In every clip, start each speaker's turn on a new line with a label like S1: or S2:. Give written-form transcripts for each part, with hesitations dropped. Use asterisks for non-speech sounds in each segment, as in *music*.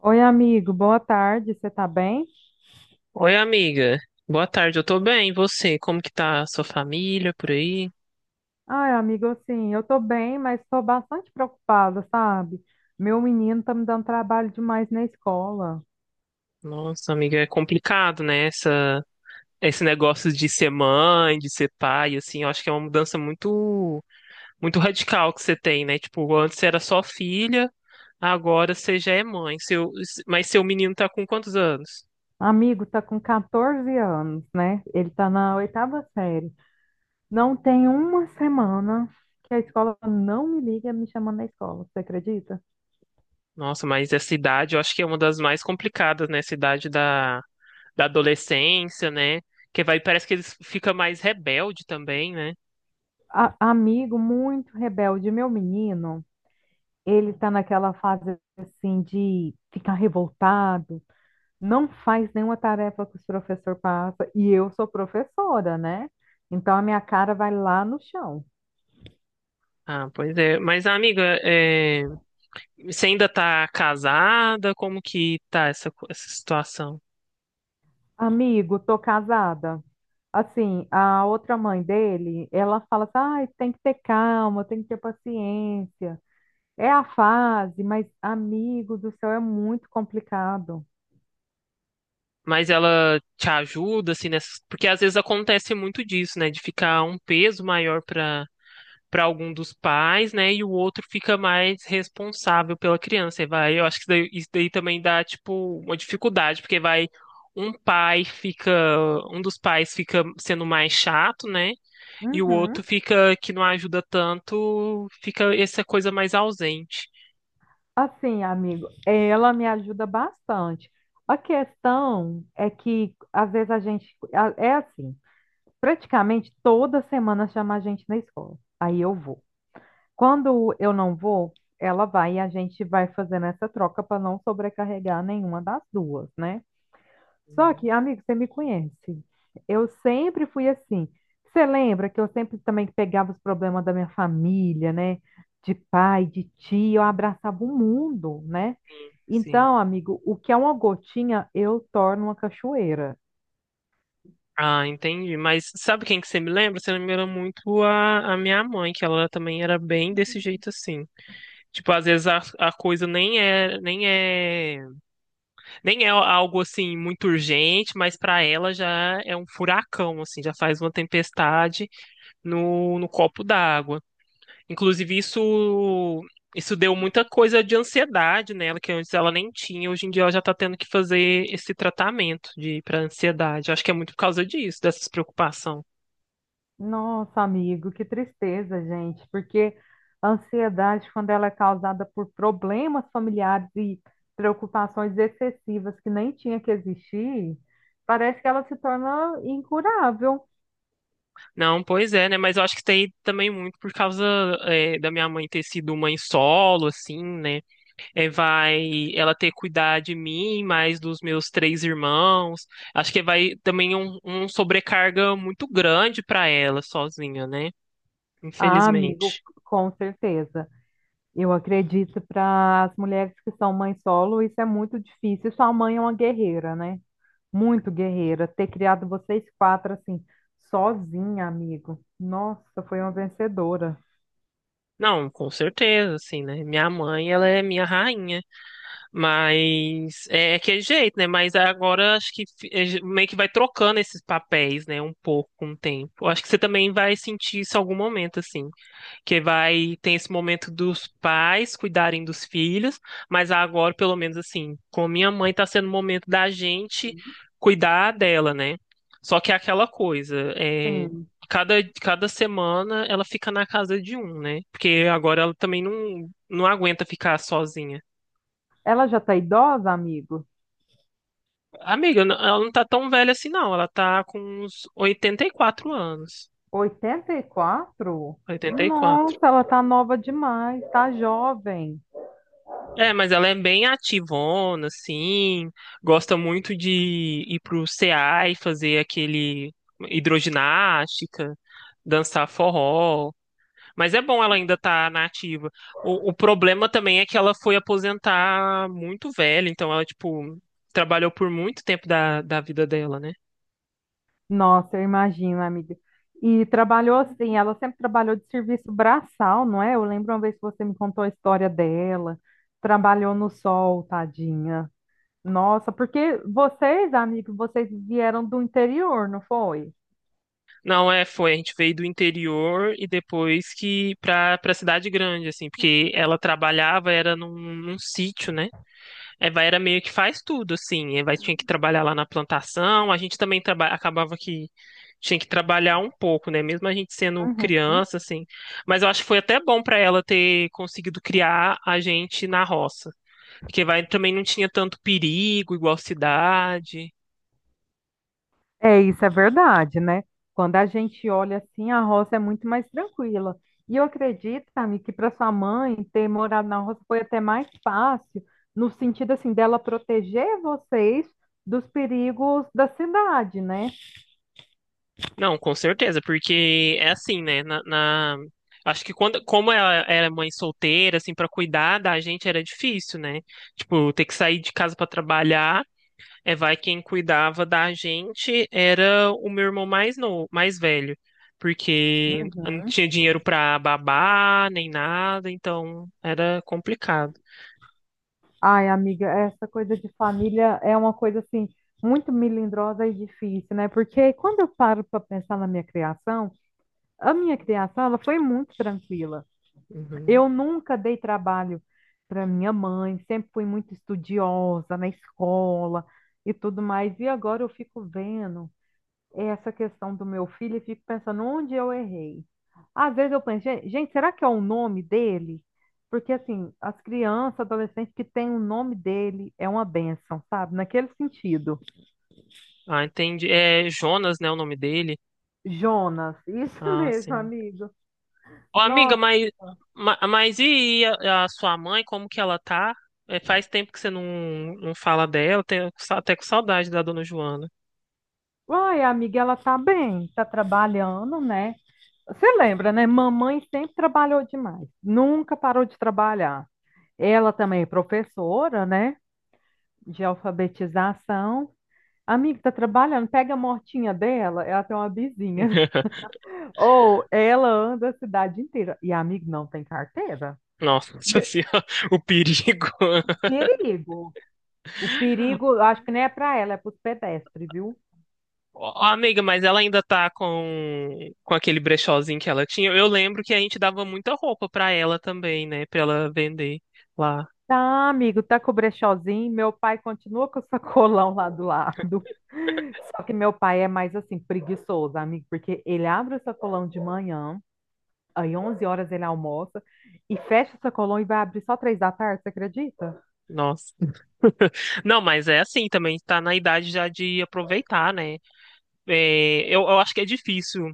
S1: Oi, amigo, boa tarde, você tá bem?
S2: Oi, amiga. Boa tarde, eu tô bem. E você? Como que tá a sua família por aí?
S1: Ai, amigo, assim, eu tô bem, mas tô bastante preocupada, sabe? Meu menino tá me dando trabalho demais na escola.
S2: Nossa, amiga, é complicado, né? Esse negócio de ser mãe, de ser pai, assim, eu acho que é uma mudança muito, muito radical que você tem, né? Tipo, antes você era só filha, agora você já é mãe. Mas seu menino tá com quantos anos?
S1: Amigo, tá com 14 anos, né? Ele tá na oitava série. Não tem uma semana que a escola não me liga me chamando na escola, você acredita?
S2: Nossa, mas essa idade eu acho que é uma das mais complicadas, né? Essa idade da adolescência, né? Que vai, parece que eles ficam mais rebelde também, né?
S1: Amigo, muito rebelde, meu menino, ele tá naquela fase, assim, de ficar revoltado, não faz nenhuma tarefa que os professor passa e eu sou professora, né? Então a minha cara vai lá no chão.
S2: Ah, pois é. Mas, amiga, você ainda tá casada? Como que tá essa situação?
S1: Amigo, tô casada. Assim, a outra mãe dele, ela fala assim, ai, tem que ter calma, tem que ter paciência. É a fase, mas amigo do céu, é muito complicado.
S2: Mas ela te ajuda, assim, nessas. Porque às vezes acontece muito disso, né? De ficar um peso maior para algum dos pais, né? E o outro fica mais responsável pela criança. E vai, eu acho que isso daí também dá, tipo, uma dificuldade, porque vai, um pai fica, um dos pais fica sendo mais chato, né? E o outro
S1: Uhum.
S2: fica, que não ajuda tanto, fica essa coisa mais ausente.
S1: Assim, amigo, ela me ajuda bastante. A questão é que às vezes a gente é assim, praticamente toda semana chama a gente na escola. Aí eu vou. Quando eu não vou, ela vai e a gente vai fazendo essa troca para não sobrecarregar nenhuma das duas, né? Só
S2: Sim,
S1: que, amigo, você me conhece. Eu sempre fui assim. Você lembra que eu sempre também pegava os problemas da minha família, né? De pai, de tio, eu abraçava o mundo, né?
S2: sim.
S1: Então, amigo, o que é uma gotinha, eu torno uma cachoeira.
S2: Ah, entendi. Mas sabe quem que você me lembra? Você lembra muito a minha mãe, que ela também era bem desse jeito assim. Tipo, às vezes a coisa nem é algo assim muito urgente, mas pra ela já é um furacão, assim, já faz uma tempestade no copo d'água. Inclusive, isso deu muita coisa de ansiedade nela, que antes ela nem tinha. Hoje em dia ela já tá tendo que fazer esse tratamento de para ansiedade. Acho que é muito por causa disso, dessas preocupação.
S1: Nossa, amigo, que tristeza, gente, porque a ansiedade, quando ela é causada por problemas familiares e preocupações excessivas que nem tinha que existir, parece que ela se torna incurável.
S2: Não, pois é, né? Mas eu acho que tem também é muito por causa da minha mãe ter sido mãe solo, assim, né? É, vai ela ter que cuidar de mim, mais dos meus três irmãos. Acho que vai também um sobrecarga muito grande para ela sozinha, né?
S1: Ah, amigo,
S2: Infelizmente.
S1: com certeza. Eu acredito, para as mulheres que são mãe solo, isso é muito difícil. Sua mãe é uma guerreira, né? Muito guerreira. Ter criado vocês quatro assim, sozinha, amigo. Nossa, foi uma vencedora.
S2: Não, com certeza, assim, né? Minha mãe, ela é minha rainha, mas é aquele jeito, né? Mas agora acho que é meio que vai trocando esses papéis, né? Um pouco com o tempo. Acho que você também vai sentir isso em algum momento, assim, que vai tem esse momento dos pais cuidarem dos filhos, mas agora, pelo menos assim, com minha mãe tá sendo o momento da gente cuidar dela, né? Só que é aquela coisa,
S1: Sim.
S2: cada, cada semana ela fica na casa de um, né? Porque agora ela também não aguenta ficar sozinha.
S1: Ela já tá idosa, amigo?
S2: Amiga, eu ela não tá tão velha assim, não. Ela tá com uns 84 anos.
S1: 84?
S2: 84.
S1: Nossa, ela tá nova demais, tá jovem.
S2: É, mas ela é bem ativona, assim, gosta muito de ir pro CA e fazer aquele hidroginástica, dançar forró. Mas é bom ela ainda estar na ativa. O problema também é que ela foi aposentar muito velha, então ela, tipo, trabalhou por muito tempo da vida dela, né?
S1: Nossa, eu imagino, amiga. E trabalhou assim, ela sempre trabalhou de serviço braçal, não é? Eu lembro uma vez que você me contou a história dela. Trabalhou no sol, tadinha. Nossa, porque vocês, amigos, vocês vieram do interior, não foi?
S2: Não, é, foi, a gente veio do interior e depois que pra cidade grande, assim, porque ela trabalhava, era num sítio, né? Eva era meio que faz tudo, assim. Eva tinha que trabalhar lá na plantação. A gente também acabava que tinha que trabalhar um pouco, né? Mesmo a gente sendo
S1: Uhum.
S2: criança, assim. Mas eu acho que foi até bom para ela ter conseguido criar a gente na roça, porque vai também não tinha tanto perigo, igual cidade.
S1: É, isso é verdade, né? Quando a gente olha assim, a roça é muito mais tranquila. E eu acredito, amigo, que para sua mãe ter morado na roça foi até mais fácil, no sentido assim, dela proteger vocês dos perigos da cidade, né?
S2: Não, com certeza, porque é assim, né? Acho que quando, como ela era mãe solteira, assim, para cuidar da gente era difícil, né? Tipo, ter que sair de casa para trabalhar. É, vai quem cuidava da gente era o meu irmão mais novo, mais velho, porque não tinha dinheiro pra babar nem nada, então era complicado.
S1: Ai, amiga, essa coisa de família é uma coisa assim muito melindrosa e difícil, né? Porque quando eu paro para pensar na minha criação, a minha criação, ela foi muito tranquila.
S2: Uhum.
S1: Eu nunca dei trabalho para minha mãe, sempre fui muito estudiosa na escola e tudo mais. E agora eu fico vendo essa questão do meu filho e fico pensando onde eu errei. Às vezes eu penso, gente, será que é o nome dele? Porque assim, as crianças, adolescentes que têm o nome dele é uma bênção, sabe? Naquele sentido."
S2: Ah, entendi. É Jonas, né, o nome dele?
S1: Jonas, isso *laughs*
S2: Ah,
S1: mesmo,
S2: sim.
S1: amigo.
S2: Ô, amiga,
S1: Nossa.
S2: mas, mas e a sua mãe, como que ela tá? É, faz tempo que você não fala dela, tenho até com saudade da dona Joana.
S1: Uai, amiga, ela tá bem, tá trabalhando, né? Você lembra, né? Mamãe sempre trabalhou demais, nunca parou de trabalhar. Ela também é professora, né? De alfabetização. Amiga, tá trabalhando, pega a motinha dela, ela tem uma vizinha.
S2: *laughs*
S1: *laughs* Ou ela anda a cidade inteira. E a amiga não tem carteira.
S2: Nossa
S1: Me-
S2: senhora, o perigo.
S1: O perigo. O perigo, eu acho que nem é pra ela, é pros pedestres, viu?
S2: Ó, amiga, mas ela ainda tá com aquele brechózinho que ela tinha. Eu lembro que a gente dava muita roupa pra ela também, né? Pra ela vender lá.
S1: Tá, amigo, tá com o brechózinho. Meu pai continua com o sacolão lá do lado. Só que meu pai é mais assim, preguiçoso, amigo, porque ele abre o sacolão de manhã, aí 11 horas ele almoça, e fecha o sacolão e vai abrir só 3 da tarde, você acredita?
S2: Nossa. Não, mas é assim também, tá na idade já de aproveitar, né? É, eu acho que é difícil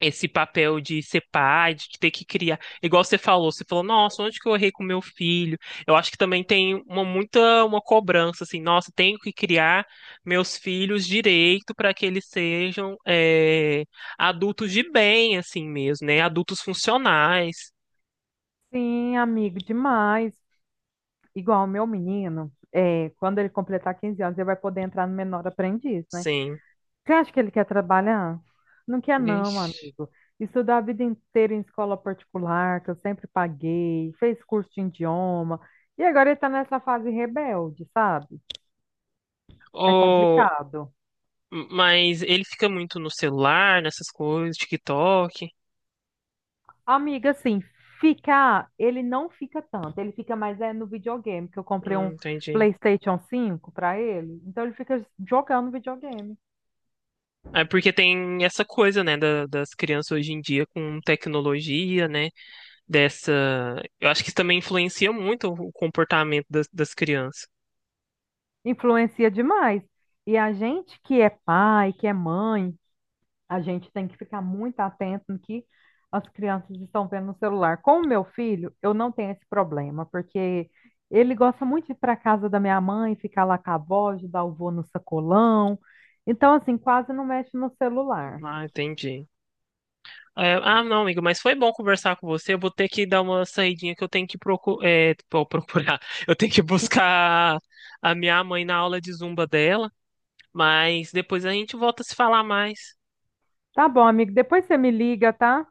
S2: esse papel de ser pai, de ter que criar. Igual você falou, nossa, onde que eu errei com meu filho? Eu acho que também tem uma muita uma cobrança assim, nossa, tenho que criar meus filhos direito para que eles sejam adultos de bem, assim mesmo, né? Adultos funcionais,
S1: Sim, amigo, demais. Igual o meu menino, é, quando ele completar 15 anos, ele vai poder entrar no menor aprendiz, né?
S2: sim.
S1: Você acha que ele quer trabalhar? Não quer não,
S2: Vixe.
S1: amigo. Estudou a vida inteira em escola particular, que eu sempre paguei, fez curso de idioma, e agora ele está nessa fase rebelde, sabe? É
S2: Oh,
S1: complicado.
S2: mas ele fica muito no celular, nessas coisas, TikTok.
S1: Amiga, assim, ficar, ele não fica tanto, ele fica mais é no videogame, que eu comprei um
S2: Entendi.
S1: PlayStation 5 para ele, então ele fica jogando videogame.
S2: É porque tem essa coisa, né, da- das, crianças hoje em dia com tecnologia, né, dessa. Eu acho que isso também influencia muito o comportamento das crianças.
S1: Influencia demais. E a gente que é pai, que é mãe, a gente tem que ficar muito atento no que as crianças estão vendo no celular. Com o meu filho, eu não tenho esse problema, porque ele gosta muito de ir para casa da minha mãe, ficar lá com a avó, ajudar o vô no sacolão. Então, assim, quase não mexe no celular.
S2: Ah, entendi. É, ah, não, amigo, mas foi bom conversar com você. Eu vou ter que dar uma saidinha que eu tenho que pô, procurar. *laughs* Eu tenho que buscar a minha mãe na aula de zumba dela, mas depois a gente volta a se falar mais.
S1: Tá bom, amigo. Depois você me liga, tá?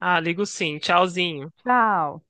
S2: Ah, ligo sim. Tchauzinho.
S1: Tchau.